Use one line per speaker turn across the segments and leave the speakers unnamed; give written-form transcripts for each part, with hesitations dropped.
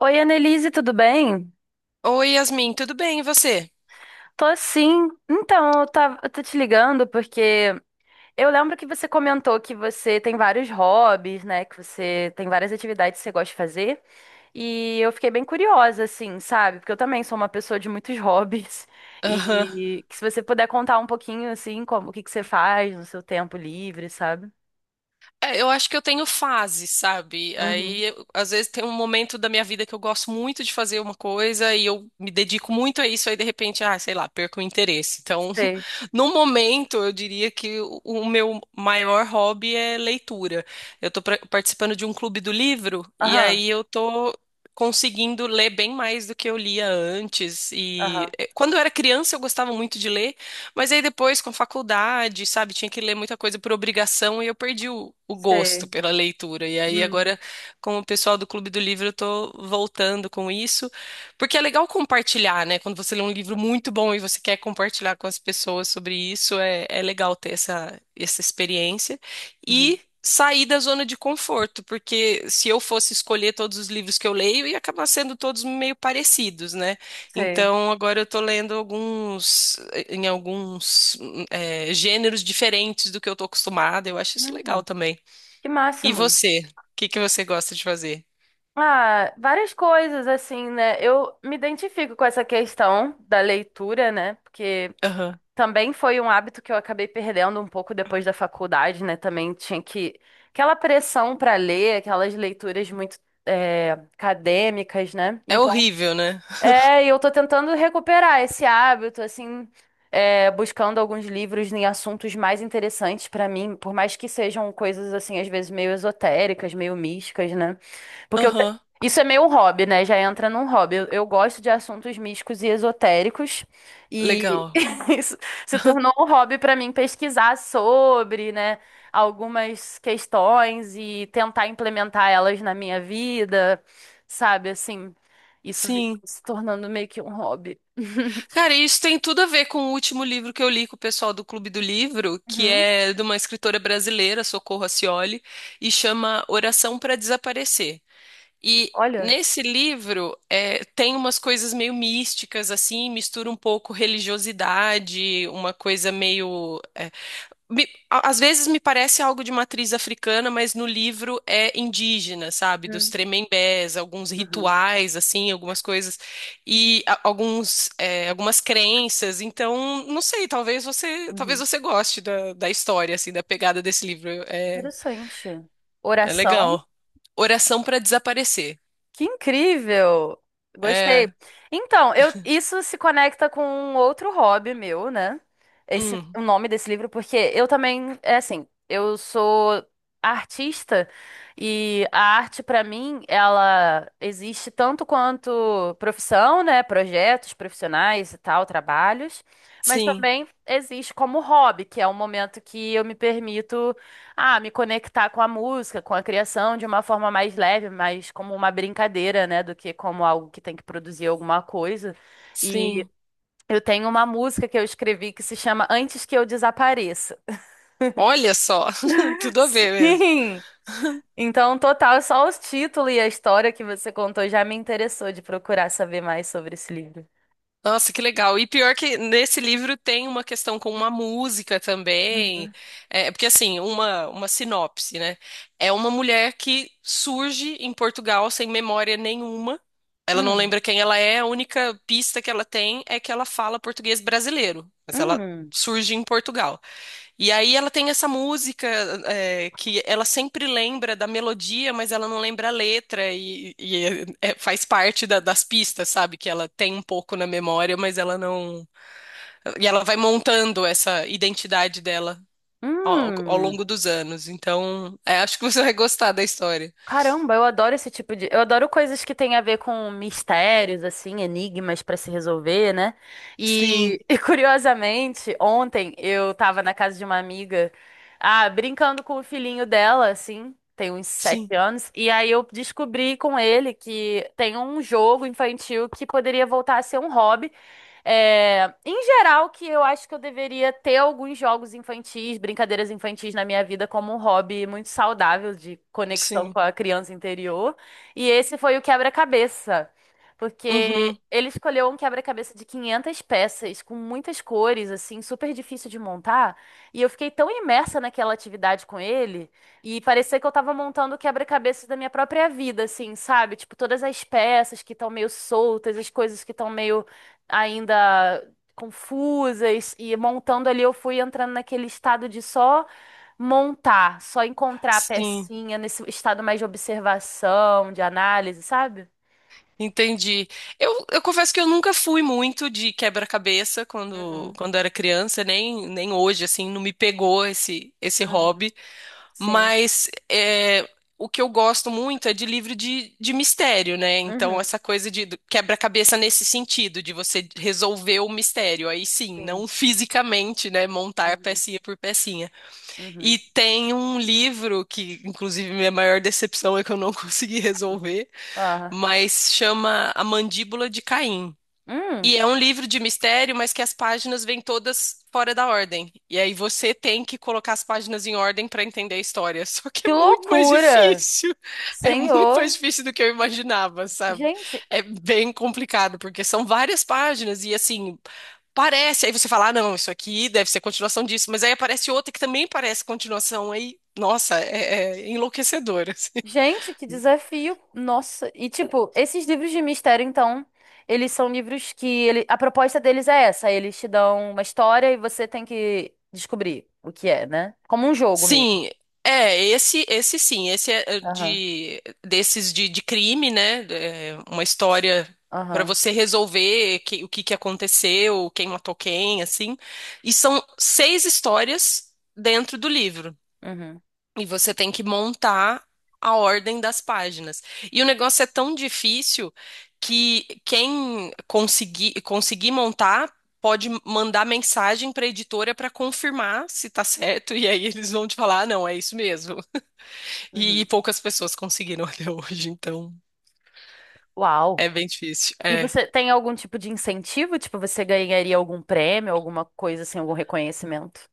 Oi, Annelise, tudo bem?
Oi, Yasmin, tudo bem? E você?
Tô sim. Então, eu tô te ligando porque eu lembro que você comentou que você tem vários hobbies, né? Que você tem várias atividades que você gosta de fazer. E eu fiquei bem curiosa, assim, sabe? Porque eu também sou uma pessoa de muitos hobbies.
Aham.
E que se você puder contar um pouquinho, assim, como, o que que você faz no seu tempo livre, sabe?
É, eu acho que eu tenho fase, sabe?
Uhum.
Aí, às vezes, tem um momento da minha vida que eu gosto muito de fazer uma coisa e eu me dedico muito a isso, aí, de repente, ah, sei lá, perco o interesse. Então,
Sei.
no momento, eu diria que o meu maior hobby é leitura. Eu tô participando de um clube do livro e
Aham,
aí eu tô conseguindo ler bem mais do que eu lia antes. E
aham.
eh, quando eu era criança, eu gostava muito de ler. Mas aí depois, com faculdade, sabe, tinha que ler muita coisa por obrigação e eu perdi o gosto
Sei.
pela leitura. E aí agora,
Hum,
com o pessoal do Clube do Livro, eu tô voltando com isso, porque é legal compartilhar, né? Quando você lê um livro muito bom e você quer compartilhar com as pessoas sobre isso, é legal ter essa experiência.
uhum.
E sair da zona de conforto, porque se eu fosse escolher todos os livros que eu leio, ia acabar sendo todos meio parecidos, né?
Sei.
Então, agora eu tô lendo em gêneros diferentes do que eu tô acostumada. Eu acho isso legal
Hum,
também.
que
E
máximo.
você? O que que você gosta de fazer?
Ah, várias coisas, assim, né? Eu me identifico com essa questão da leitura, né? Porque
Aham.
também foi um hábito que eu acabei perdendo um pouco depois da faculdade, né? Também tinha que. Aquela pressão para ler, aquelas leituras muito acadêmicas, né?
É
Então
horrível, né?
é, e eu tô tentando recuperar esse hábito, assim, é, buscando alguns livros em assuntos mais interessantes pra mim, por mais que sejam coisas, assim, às vezes meio esotéricas, meio místicas, né? Porque eu te-
Aham.
isso é meio um hobby, né? Já entra num hobby. Eu gosto de assuntos místicos e esotéricos, e
Legal.
isso se tornou um hobby pra mim pesquisar sobre, né, algumas questões e tentar implementar elas na minha vida, sabe, assim. Isso
Sim.
se tornando meio que um hobby.
Cara, e isso tem tudo a ver com o último livro que eu li com o pessoal do Clube do Livro, que
Uhum.
é de uma escritora brasileira, Socorro Acioli, e chama Oração para Desaparecer. E
Olha,
nesse livro tem umas coisas meio místicas, assim, mistura um pouco religiosidade, uma coisa meio. Às vezes me parece algo de matriz africana, mas no livro é indígena, sabe? Dos
hum,
tremembés, alguns
uhum,
rituais, assim, algumas coisas, e algumas crenças. Então, não sei, talvez você, talvez
uhum.
você goste da história, assim, da pegada desse livro. É,
Interessante.
é
Oração.
legal. Oração para Desaparecer.
Que incrível! Gostei.
é
Então, eu, isso se conecta com um outro hobby meu, né? Esse,
Hum,
o nome desse livro, porque eu também, é assim, eu sou artista e a arte, pra mim, ela existe tanto quanto profissão, né? Projetos profissionais e tal, trabalhos, mas
sim,
também existe como hobby, que é um momento que eu me permito. Ah, me conectar com a música, com a criação de uma forma mais leve, mais como uma brincadeira, né, do que como algo que tem que produzir alguma coisa. E
sim.
eu tenho uma música que eu escrevi que se chama Antes que eu desapareça.
Olha só, tudo a ver mesmo.
Sim! Então, total, só o título e a história que você contou já me interessou de procurar saber mais sobre esse livro.
Nossa, que legal. E pior que nesse livro tem uma questão com uma música também.
Uhum.
É, porque assim, uma sinopse, né? É uma mulher que surge em Portugal sem memória nenhuma. Ela não
Hum,
lembra quem ela é, a única pista que ela tem é que ela fala português brasileiro, mas ela
hum,
surge em Portugal. E aí ela tem essa música, que ela sempre lembra da melodia, mas ela não lembra a letra e faz parte das pistas, sabe? Que ela tem um pouco na memória, mas ela não. E ela vai montando essa identidade dela ao
hum.
longo dos anos. Então, acho que você vai gostar da história.
Caramba, eu adoro esse tipo de. Eu adoro coisas que têm a ver com mistérios, assim, enigmas pra se resolver, né?
Sim,
E, e, curiosamente, ontem eu tava na casa de uma amiga, ah, brincando com o filhinho dela, assim, tem uns
sim,
sete anos, e aí eu descobri com ele que tem um jogo infantil que poderia voltar a ser um hobby. É, em geral, que eu acho que eu deveria ter alguns jogos infantis, brincadeiras infantis na minha vida como um hobby muito saudável de conexão
sim.
com a criança interior. E esse foi o quebra-cabeça, porque
Uhum,
ele escolheu um quebra-cabeça de 500 peças, com muitas cores, assim, super difícil de montar. E eu fiquei tão imersa naquela atividade com ele, e parecia que eu tava montando o quebra-cabeça da minha própria vida, assim, sabe? Tipo, todas as peças que estão meio soltas, as coisas que estão meio ainda confusas e montando ali, eu fui entrando naquele estado de só montar, só encontrar a
sim.
pecinha nesse estado mais de observação, de análise, sabe?
Entendi. Eu confesso que eu nunca fui muito de quebra-cabeça quando,
Uhum,
quando era criança, nem hoje, assim, não me pegou esse
uhum,
hobby.
sim,
Mas o que eu gosto muito é de livro de mistério, né? Então,
uhum,
essa coisa de quebra-cabeça nesse sentido, de você resolver o mistério. Aí sim,
sim,
não fisicamente, né? Montar
uhum,
pecinha por pecinha.
uhum.
E tem um livro que, inclusive, minha maior decepção é que eu não consegui resolver,
Ah,
mas chama A Mandíbula de Caim.
hum,
E é um livro de mistério, mas que as páginas vêm todas fora da ordem. E aí você tem que colocar as páginas em ordem para entender a história. Só que é
que
muito mais
loucura,
difícil. É muito mais
Senhor.
difícil do que eu imaginava, sabe?
Gente,
É bem complicado, porque são várias páginas e assim, parece. Aí você fala, ah, não, isso aqui deve ser continuação disso. Mas aí aparece outra que também parece continuação. Aí, nossa, é enlouquecedor, assim.
gente, que desafio! Nossa, e tipo, esses livros de mistério, então, eles são livros que ele... A proposta deles é essa, eles te dão uma história e você tem que descobrir o que é, né? Como um jogo mesmo.
Sim, é, esse sim, esse é
Aham,
de desses de crime, né? É, uma história para
aham,
você resolver o que que aconteceu, quem matou quem, assim. E são seis histórias dentro do livro.
uhum,
E você tem que montar a ordem das páginas. E o negócio é tão difícil que quem conseguir montar pode mandar mensagem para a editora para confirmar se tá certo. E aí eles vão te falar, ah, não, é isso mesmo. E
uhum.
poucas pessoas conseguiram até hoje, então
Uau!
é bem difícil.
E
É.
você tem algum tipo de incentivo? Tipo, você ganharia algum prêmio, alguma coisa assim, algum reconhecimento?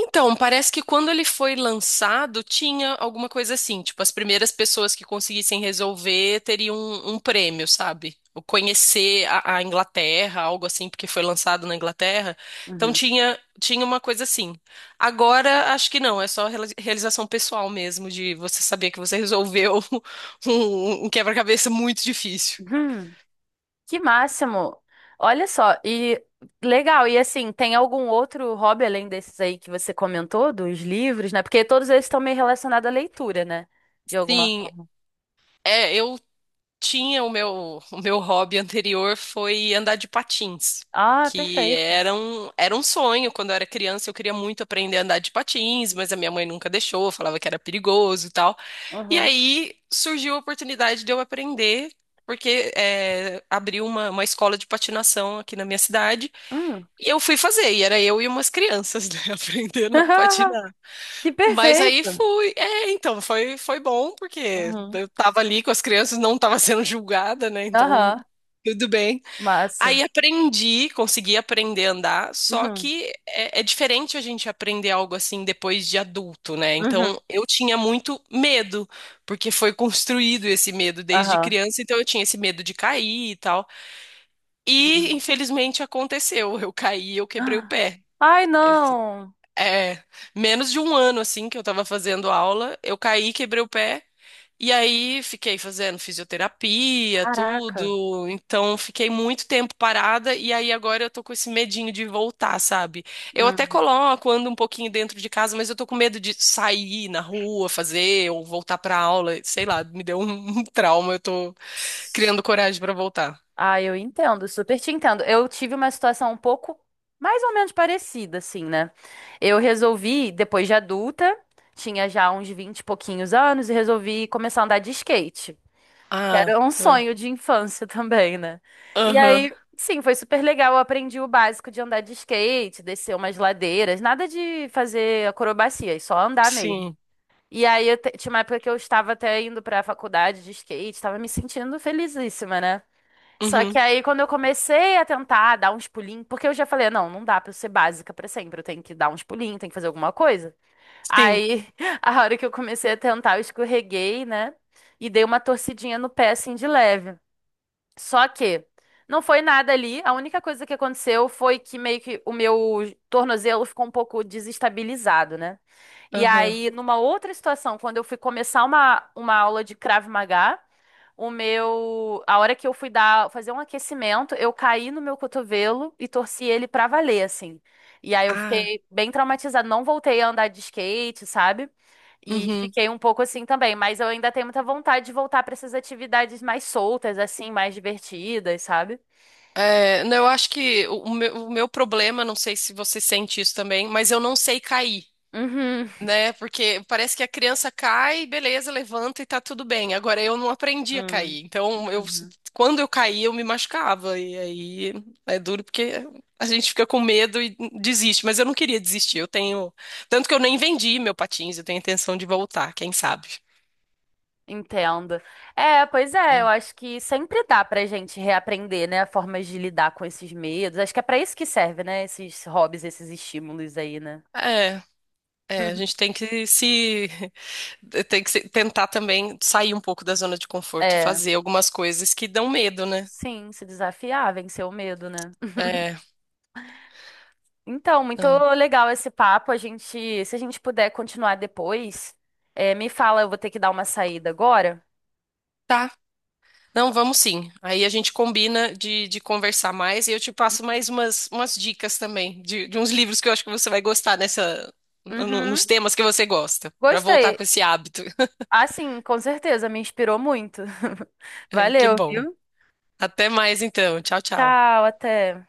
Então, parece que quando ele foi lançado, tinha alguma coisa assim, tipo, as primeiras pessoas que conseguissem resolver teriam um prêmio, sabe? O conhecer a Inglaterra, algo assim, porque foi lançado na Inglaterra. Então tinha uma coisa assim. Agora, acho que não, é só realização pessoal mesmo, de você saber que você resolveu um quebra-cabeça muito difícil.
Uhum. Que máximo! Olha só, e legal, e assim, tem algum outro hobby além desses aí que você comentou, dos livros, né? Porque todos eles estão meio relacionados à leitura, né? De alguma
Sim,
forma.
eu tinha o meu, o meu hobby anterior foi andar de patins,
Ah,
que
perfeito.
era um sonho. Quando eu era criança, eu queria muito aprender a andar de patins, mas a minha mãe nunca deixou, falava que era perigoso e tal. E
Uhum.
aí surgiu a oportunidade de eu aprender. Porque abriu uma escola de patinação aqui na minha cidade
Hum.
e eu fui fazer, e era eu e umas crianças, né, aprendendo a patinar.
Que
Mas aí
perfeito!
fui. É, então, foi bom, porque
Uhum.
eu tava ali com as crianças, não tava sendo julgada, né? Então,
Aham,
tudo bem.
massa.
Aí aprendi, consegui aprender a andar, só
Uhum.
que é diferente a gente aprender algo assim depois de adulto, né?
Uhum.
Então, eu tinha muito medo, porque foi construído esse medo desde
Aham.
criança, então eu tinha esse medo de cair e tal. E,
Uhum.
infelizmente, aconteceu. Eu caí, eu quebrei o
Ah.
pé.
Ai, não!
É, menos de 1 ano assim que eu tava fazendo aula, eu caí, quebrei o pé e aí fiquei fazendo fisioterapia,
Caraca!
tudo. Então fiquei muito tempo parada e aí agora eu tô com esse medinho de voltar, sabe? Eu até
Hum.
coloco, ando um pouquinho dentro de casa, mas eu tô com medo de sair na rua, fazer ou voltar pra aula, sei lá, me deu um um trauma, eu tô criando coragem pra voltar.
Ah, eu entendo, super te entendo. Eu tive uma situação um pouco mais ou menos parecida, assim, né? Eu resolvi, depois de adulta, tinha já uns 20 e pouquinhos anos, e resolvi começar a andar de skate. Que era
Ah,
um
ah,
sonho de infância também, né? E
aham,
aí, sim, foi super legal. Eu aprendi o básico de andar de skate, descer umas ladeiras, nada de fazer acrobacia, é só andar mesmo.
sim.
E aí, tinha uma época que eu estava até indo pra faculdade de skate, estava me sentindo felizíssima, né? Só que
Uhum,
aí, quando eu comecei a tentar dar uns pulinhos, porque eu já falei, não, não dá pra eu ser básica pra sempre, eu tenho que dar uns pulinhos, tenho que fazer alguma coisa.
sim.
Aí, a hora que eu comecei a tentar, eu escorreguei, né? E dei uma torcidinha no pé, assim, de leve. Só que não foi nada ali. A única coisa que aconteceu foi que meio que o meu tornozelo ficou um pouco desestabilizado, né? E
Aham.
aí, numa outra situação, quando eu fui começar uma aula de Krav Maga, o meu, a hora que eu fui dar, fazer um aquecimento, eu caí no meu cotovelo e torci ele pra valer, assim. E aí eu
Ah,
fiquei bem traumatizada, não voltei a andar de skate, sabe? E
uhum.
fiquei um pouco assim também, mas eu ainda tenho muita vontade de voltar para essas atividades mais soltas, assim, mais divertidas, sabe?
É, não, eu acho que o meu, o meu, problema, não sei se você sente isso também, mas eu não sei cair,
Uhum.
né? Porque parece que a criança cai, beleza, levanta e tá tudo bem. Agora eu não aprendi a
Hum,
cair. Então, eu,
uhum.
quando eu caí, eu me machucava. E aí é duro porque a gente fica com medo e desiste. Mas eu não queria desistir. Eu tenho. Tanto que eu nem vendi meu patins, eu tenho intenção de voltar, quem sabe?
Entendo. É, pois é, eu acho que sempre dá pra gente reaprender, né, formas de lidar com esses medos. Acho que é pra isso que serve, né, esses hobbies, esses estímulos aí, né?
É, é, a gente tem que se. Tem que tentar também sair um pouco da zona de conforto e
É,
fazer algumas coisas que dão medo, né?
sim, se desafiar, vencer o medo, né?
É,
Então, muito
não.
legal esse papo. A gente, se a gente puder continuar depois, é, me fala, eu vou ter que dar uma saída agora.
Tá. Não, vamos sim. Aí a gente combina de conversar mais e eu te passo mais umas dicas também de uns livros que eu acho que você vai gostar nessa, no- nos
Uhum.
temas que você gosta, para voltar
Gostei.
com esse hábito.
Ah, sim, com certeza, me inspirou muito.
Ai, que
Valeu,
bom.
viu?
Até mais então. Tchau, tchau.
Tchau, até.